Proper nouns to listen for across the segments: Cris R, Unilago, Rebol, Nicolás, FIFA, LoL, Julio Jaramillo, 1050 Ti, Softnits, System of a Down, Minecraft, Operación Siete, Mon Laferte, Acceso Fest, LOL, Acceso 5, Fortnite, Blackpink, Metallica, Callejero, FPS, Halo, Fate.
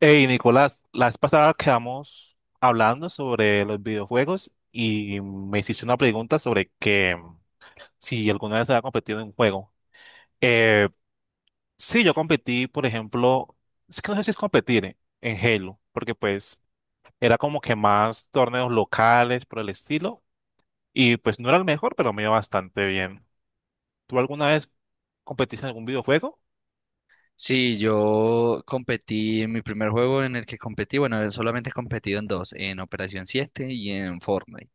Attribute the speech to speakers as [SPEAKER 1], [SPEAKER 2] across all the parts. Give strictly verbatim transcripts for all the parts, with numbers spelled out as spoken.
[SPEAKER 1] Hey, Nicolás, la vez pasada quedamos hablando sobre los videojuegos y me hiciste una pregunta sobre que mm, si alguna vez había competido en un juego. Eh, sí, yo competí, por ejemplo, es que no sé si es competir eh, en Halo, porque pues era como que más torneos locales por el estilo y pues no era el mejor, pero me iba bastante bien. ¿Tú alguna vez competiste en algún videojuego?
[SPEAKER 2] Sí, yo competí en mi primer juego en el que competí, bueno, solamente he competido en dos, en Operación Siete y en Fortnite.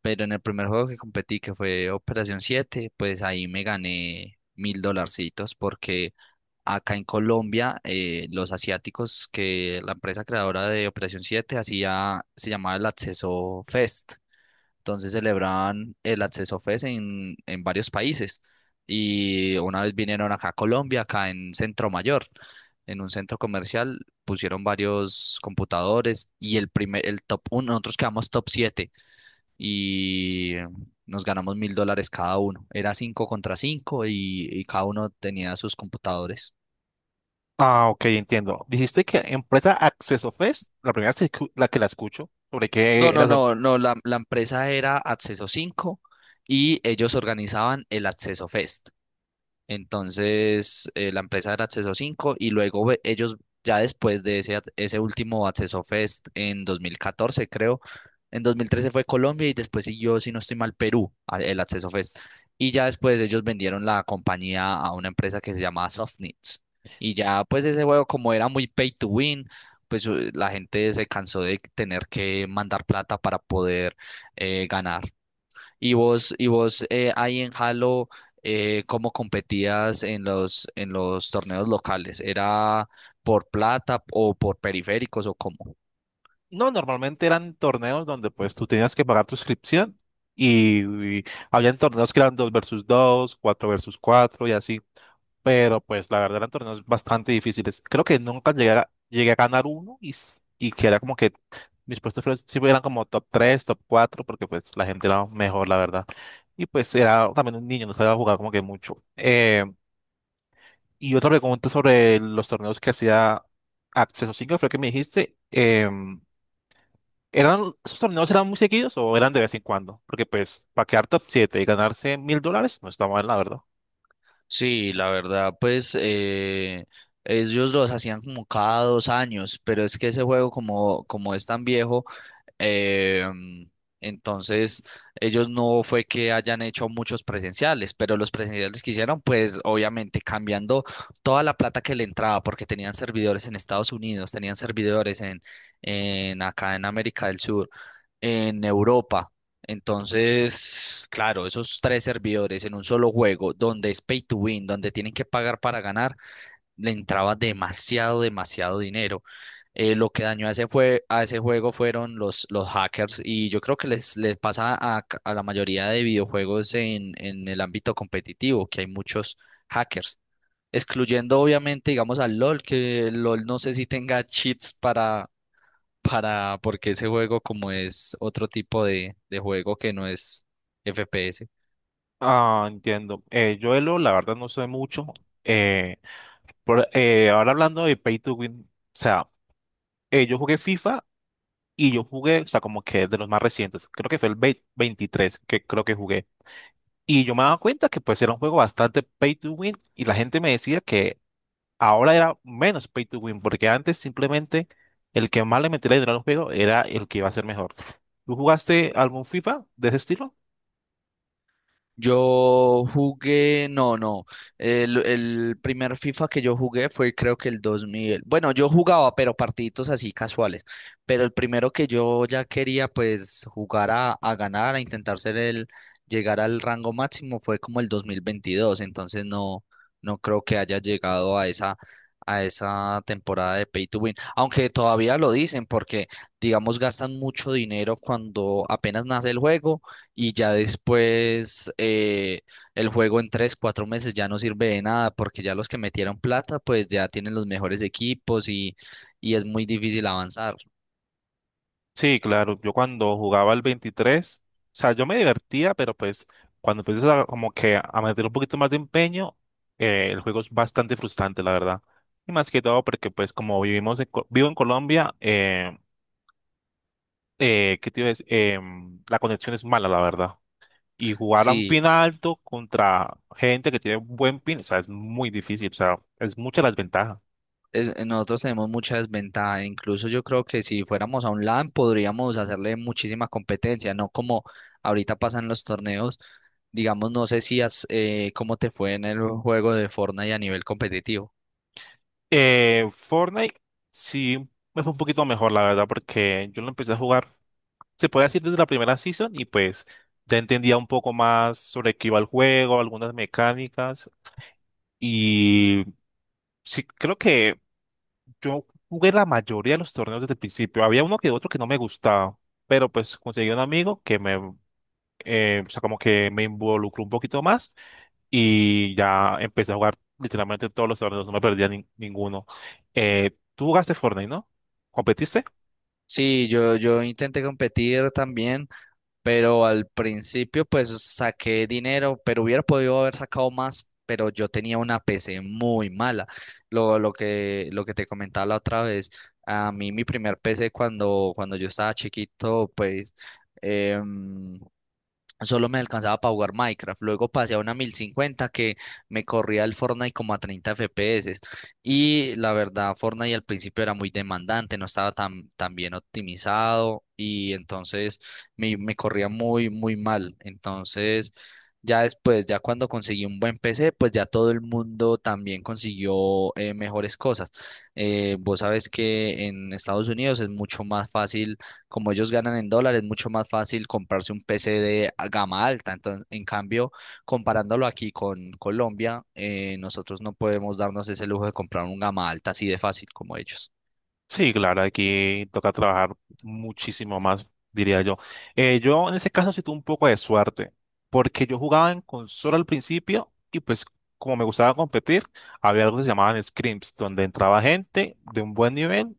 [SPEAKER 2] Pero en el primer juego que competí, que fue Operación Siete, pues ahí me gané mil dolarcitos porque acá en Colombia eh, los asiáticos que la empresa creadora de Operación Siete hacía, se llamaba el Acceso Fest. Entonces celebraban el Acceso Fest en, en varios países. Y una vez vinieron acá a Colombia, acá en Centro Mayor, en un centro comercial, pusieron varios computadores y el primer, el top uno, nosotros quedamos top siete y nos ganamos mil dólares cada uno. Era cinco contra cinco y, y cada uno tenía sus computadores.
[SPEAKER 1] Ah, ok, entiendo. Dijiste que empresa Acceso Fest, la primera vez que escu- la que la escucho, sobre
[SPEAKER 2] No,
[SPEAKER 1] qué
[SPEAKER 2] no,
[SPEAKER 1] era.
[SPEAKER 2] no, no, la, la empresa era Acceso cinco y ellos organizaban el Acceso Fest. Entonces, eh, la empresa era Acceso cinco y luego ve- ellos ya después de ese, ac- ese último Acceso Fest en dos mil catorce, creo, en dos mil trece fue Colombia y después siguió, si no estoy mal, Perú, a- el Acceso Fest. Y ya después ellos vendieron la compañía a una empresa que se llamaba Softnits. Y ya pues ese juego como era muy pay to win, pues eh, la gente se cansó de tener que mandar plata para poder eh, ganar. Y vos, y vos eh, ahí en Halo, eh, ¿cómo competías en los, en los torneos locales? ¿Era por plata o por periféricos o cómo?
[SPEAKER 1] No, normalmente eran torneos donde pues tú tenías que pagar tu inscripción y, y habían torneos que eran dos versus dos, cuatro versus cuatro y así. Pero pues la verdad eran torneos bastante difíciles. Creo que nunca llegué a, llegué a ganar uno y, s- y que era como que mis puestos fueron- siempre eran como top tres, top cuatro porque pues la gente era mejor, la verdad. Y pues era también un niño, no sabía jugar como que mucho. Eh, y otra pregunta sobre los torneos que hacía Acceso cinco fue que me dijiste. em, ¿Eran, esos torneos eran muy seguidos o eran de vez en cuando? Porque pues para quedar top siete y ganarse mil dólares no está mal, la verdad.
[SPEAKER 2] Sí, la verdad, pues eh, ellos los hacían como cada dos años, pero es que ese juego como, como es tan viejo. Em, entonces, ellos no fue que hayan hecho muchos presenciales, pero los presenciales que hicieron, pues obviamente cambiando toda la plata que le entraba, porque tenían servidores en Estados Unidos, tenían servidores en, en acá en América del Sur, en Europa. Entonces, claro, esos tres servidores en un solo juego, donde es pay to win, donde tienen que pagar para ganar, le entraba demasiado, demasiado dinero. Eh, lo que dañó a ese, fue, a ese juego fueron los, los hackers y yo creo que les, les pasa a, c- a la mayoría de videojuegos en, en el ámbito competitivo, que hay muchos hackers, excluyendo obviamente, digamos, al LOL, que el LOL no sé si tenga cheats para, para, porque ese juego como es otro tipo de, de juego que no es F P S.
[SPEAKER 1] Ah, entiendo. Eh, yo de LoL, la verdad no sé mucho. Eh, por- eh, ahora hablando de Pay to Win, o sea, eh, yo jugué FIFA y yo jugué, o sea, como que de los más recientes, creo que fue el vei- veintitrés que creo que jugué. Y yo me daba cuenta que pues era un juego bastante Pay to Win y la gente me decía que ahora era menos pay to win, porque antes simplemente el que más le metiera dinero al juego era el que iba a ser mejor. ¿Tú jugaste algún FIFA de ese estilo?
[SPEAKER 2] Yo jugué, no, no. El, el primer FIFA que yo jugué fue creo que el dos mil. Bueno, yo jugaba, pero partiditos así casuales. Pero el primero que yo ya quería pues jugar a, a ganar, a intentar ser el, llegar al rango máximo fue como el dos mil veintidós. Entonces no, no creo que haya llegado a esa, a esa temporada de Pay to Win. Aunque todavía lo dicen porque, digamos, gastan mucho dinero cuando apenas nace el juego y ya después eh, el juego en tres, cuatro meses ya no sirve de nada porque ya los que metieron plata pues ya tienen los mejores equipos y, y es muy difícil avanzar.
[SPEAKER 1] Sí, claro, yo cuando jugaba el veintitrés, o sea, yo me divertía, pero pues cuando empiezas a, como que a meter un poquito más de empeño, eh, el juego es bastante frustrante, la verdad. Y más que todo porque pues como vivimos en, Co- vivo en Colombia, eh, eh, ¿qué te iba a decir? Em, la conexión es mala, la verdad. Y jugar a un
[SPEAKER 2] Sí,
[SPEAKER 1] pin alto contra gente que tiene un buen pin, o sea, es muy difícil, o sea, es mucha la desventaja.
[SPEAKER 2] es- nosotros tenemos mucha desventaja, incluso yo creo que si fuéramos a un LAN podríamos hacerle muchísima competencia, no como ahorita pasan los torneos, digamos, no sé si has, eh, cómo te fue en el juego de Fortnite a nivel competitivo.
[SPEAKER 1] Eh, Fortnite sí me fue un poquito mejor, la verdad, porque yo lo empecé a jugar, se puede decir desde la primera season y pues ya entendía un poco más sobre qué iba el juego, algunas mecánicas y sí, creo que yo jugué la mayoría de los torneos desde el principio. Había uno que otro que no me gustaba, pero pues conseguí un amigo que me, eh, o sea, como que me involucró un poquito más. Y ya empecé a jugar literalmente todos los torneos, no me perdía nin- ninguno. Eh, ¿tú jugaste Fortnite, no? ¿Competiste?
[SPEAKER 2] Sí, yo, yo intenté competir también. Pero al principio pues saqué dinero, pero hubiera podido haber sacado más, pero yo tenía una P C muy mala. Lo, lo que, lo que te comentaba la otra vez, a mí mi primer P C cuando, cuando yo estaba chiquito, pues... em, solo me alcanzaba para jugar Minecraft. Luego pasé a una mil cincuenta que me corría el Fortnite como a treinta F P S. Y la verdad, Fortnite al principio era muy demandante, no estaba tan, tan bien optimizado y entonces me, me corría muy, muy mal. Entonces, ya después, ya cuando conseguí un buen P C, pues ya todo el mundo también consiguió eh, mejores cosas. Eh, vos sabes que en Estados Unidos es mucho más fácil como ellos ganan en dólares, es mucho más fácil comprarse un P C de a- gama alta. Entonces, en cambio, comparándolo aquí con Colombia, eh, nosotros no podemos darnos ese lujo de comprar un gama alta así de fácil como ellos.
[SPEAKER 1] Sí, claro, aquí toca trabajar muchísimo más, diría yo. Eh, yo en ese caso sí tuve un poco de suerte, porque yo jugaba en consola al principio y pues como me gustaba competir, había algo que se llamaban scrims, donde entraba gente de un buen nivel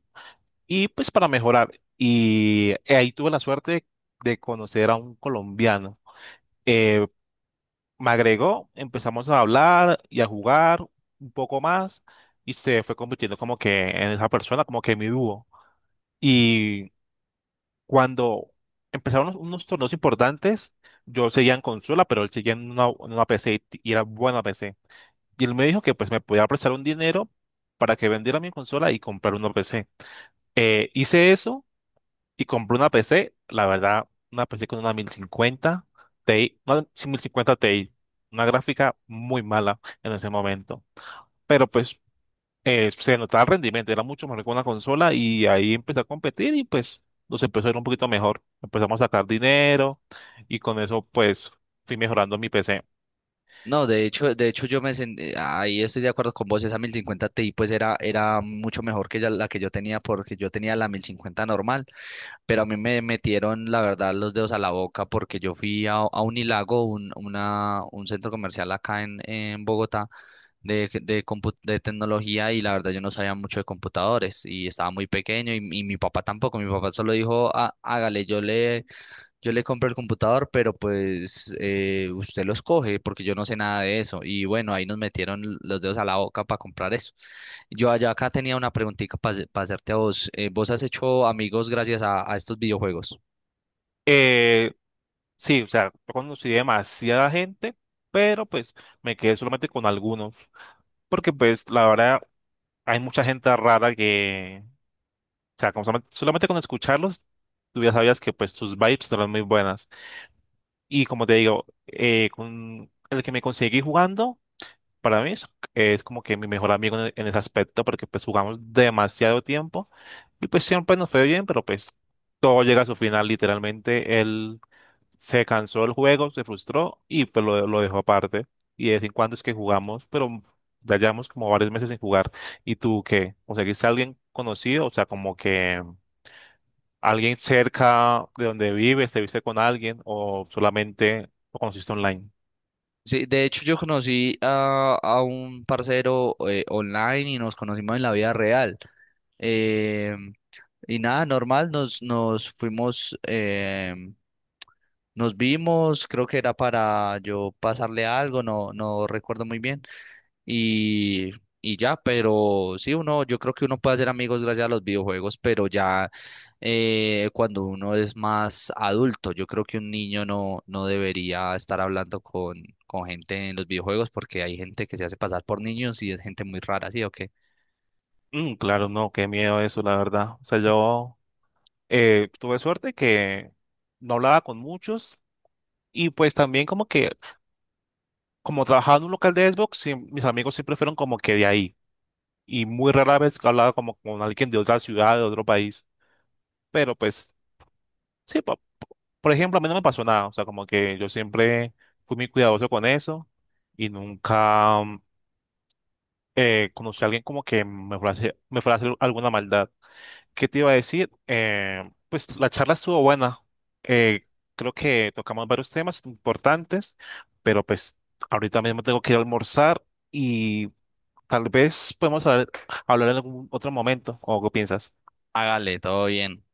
[SPEAKER 1] y pues para mejorar. Y eh, ahí tuve la suerte de conocer a un colombiano. Eh, me agregó, empezamos a hablar y a jugar un poco más y se fue convirtiendo como que en esa persona, como que mi dúo. Y cuando empezaron unos, unos torneos importantes, yo seguía en consola, pero él seguía en una, en una P C y, t- y era buena P C. Y él me dijo que pues me podía prestar un dinero para que vendiera mi consola y comprar una P C. Eh, hice eso y compré una P C, la verdad, una P C con una mil cincuenta Ti, una mil cincuenta Ti, una gráfica muy mala en ese momento, pero pues eh, se notaba el rendimiento, era mucho mejor que una consola y ahí empecé a competir y pues nos empezó a ir un poquito mejor, empezamos a sacar dinero y con eso pues fui mejorando mi P C.
[SPEAKER 2] No, de hecho, de hecho yo me sen- eh, ahí estoy de acuerdo con vos, esa mil cincuenta Ti pues era, era mucho mejor que ya la que yo tenía porque yo tenía la mil cincuenta normal, pero a mí me metieron la verdad los dedos a la boca porque yo fui a, a Unilago, un, una, un centro comercial acá en, en Bogotá de, de, compu- de tecnología y la verdad yo no sabía mucho de computadores y estaba muy pequeño y, y mi papá tampoco. Mi papá solo dijo: "Ah, hágale, yo le, yo le compro el computador, pero pues eh, usted lo escoge porque yo no sé nada de eso". Y bueno, ahí nos metieron los dedos a la boca para comprar eso. Yo allá acá tenía una preguntita para hacerte a vos. Eh, ¿vos has hecho amigos gracias a, a estos videojuegos?
[SPEAKER 1] Eh, sí, o sea, yo conocí demasiada gente, pero pues me quedé solamente con algunos, porque pues la verdad hay mucha gente rara que... O sea, como solamente, solamente con escucharlos, tú ya sabías que pues sus vibes no eran muy buenas. Y como te digo, eh, con el que me conseguí jugando, para mí es, es como que mi mejor amigo en, en ese aspecto, porque pues jugamos demasiado tiempo y pues siempre nos fue bien, pero pues todo llega a su final, literalmente. Él se cansó del juego, se frustró y pues lo, lo dejó aparte. Y de vez en cuando es que jugamos, pero ya llevamos como varios meses sin jugar. ¿Y tú qué? ¿Conseguiste a alguien conocido? O sea, como que... ¿Alguien cerca de donde vives te viste con alguien o solamente lo conociste online?
[SPEAKER 2] Sí, de hecho yo conocí a, a un parcero eh, online y nos conocimos en la vida real. Eh, Y nada, normal, nos, nos fuimos, em, nos vimos, creo que era para yo pasarle algo, no, no recuerdo muy bien. Y, y ya, pero sí, uno, yo creo que uno puede hacer amigos gracias a los videojuegos, pero ya eh, cuando uno es más adulto, yo creo que un niño no, no debería estar hablando con, con gente en los videojuegos porque hay gente que se hace pasar por niños y es gente muy rara, ¿sí o qué?
[SPEAKER 1] Mm, claro, no, qué miedo eso, la verdad. O sea, yo eh, tuve suerte que no hablaba con muchos y pues también como que, como trabajaba en un local de Xbox, siem- mis amigos siempre fueron como que de ahí y muy rara vez hablaba como con alguien de otra ciudad, de otro país. Pero pues, sí, po- por ejemplo, a mí no me pasó nada. O sea, como que yo siempre fui muy cuidadoso con eso y nunca... eh, conocí a alguien como que me fue a hacer, me fue a hacer alguna maldad. ¿Qué te iba a decir? Eh, pues la charla estuvo buena. Eh, creo que tocamos varios temas importantes, pero pues ahorita mismo tengo que ir a almorzar y tal vez podemos hablar, hablar en algún otro momento. ¿O qué piensas?
[SPEAKER 2] Hágale, todo bien.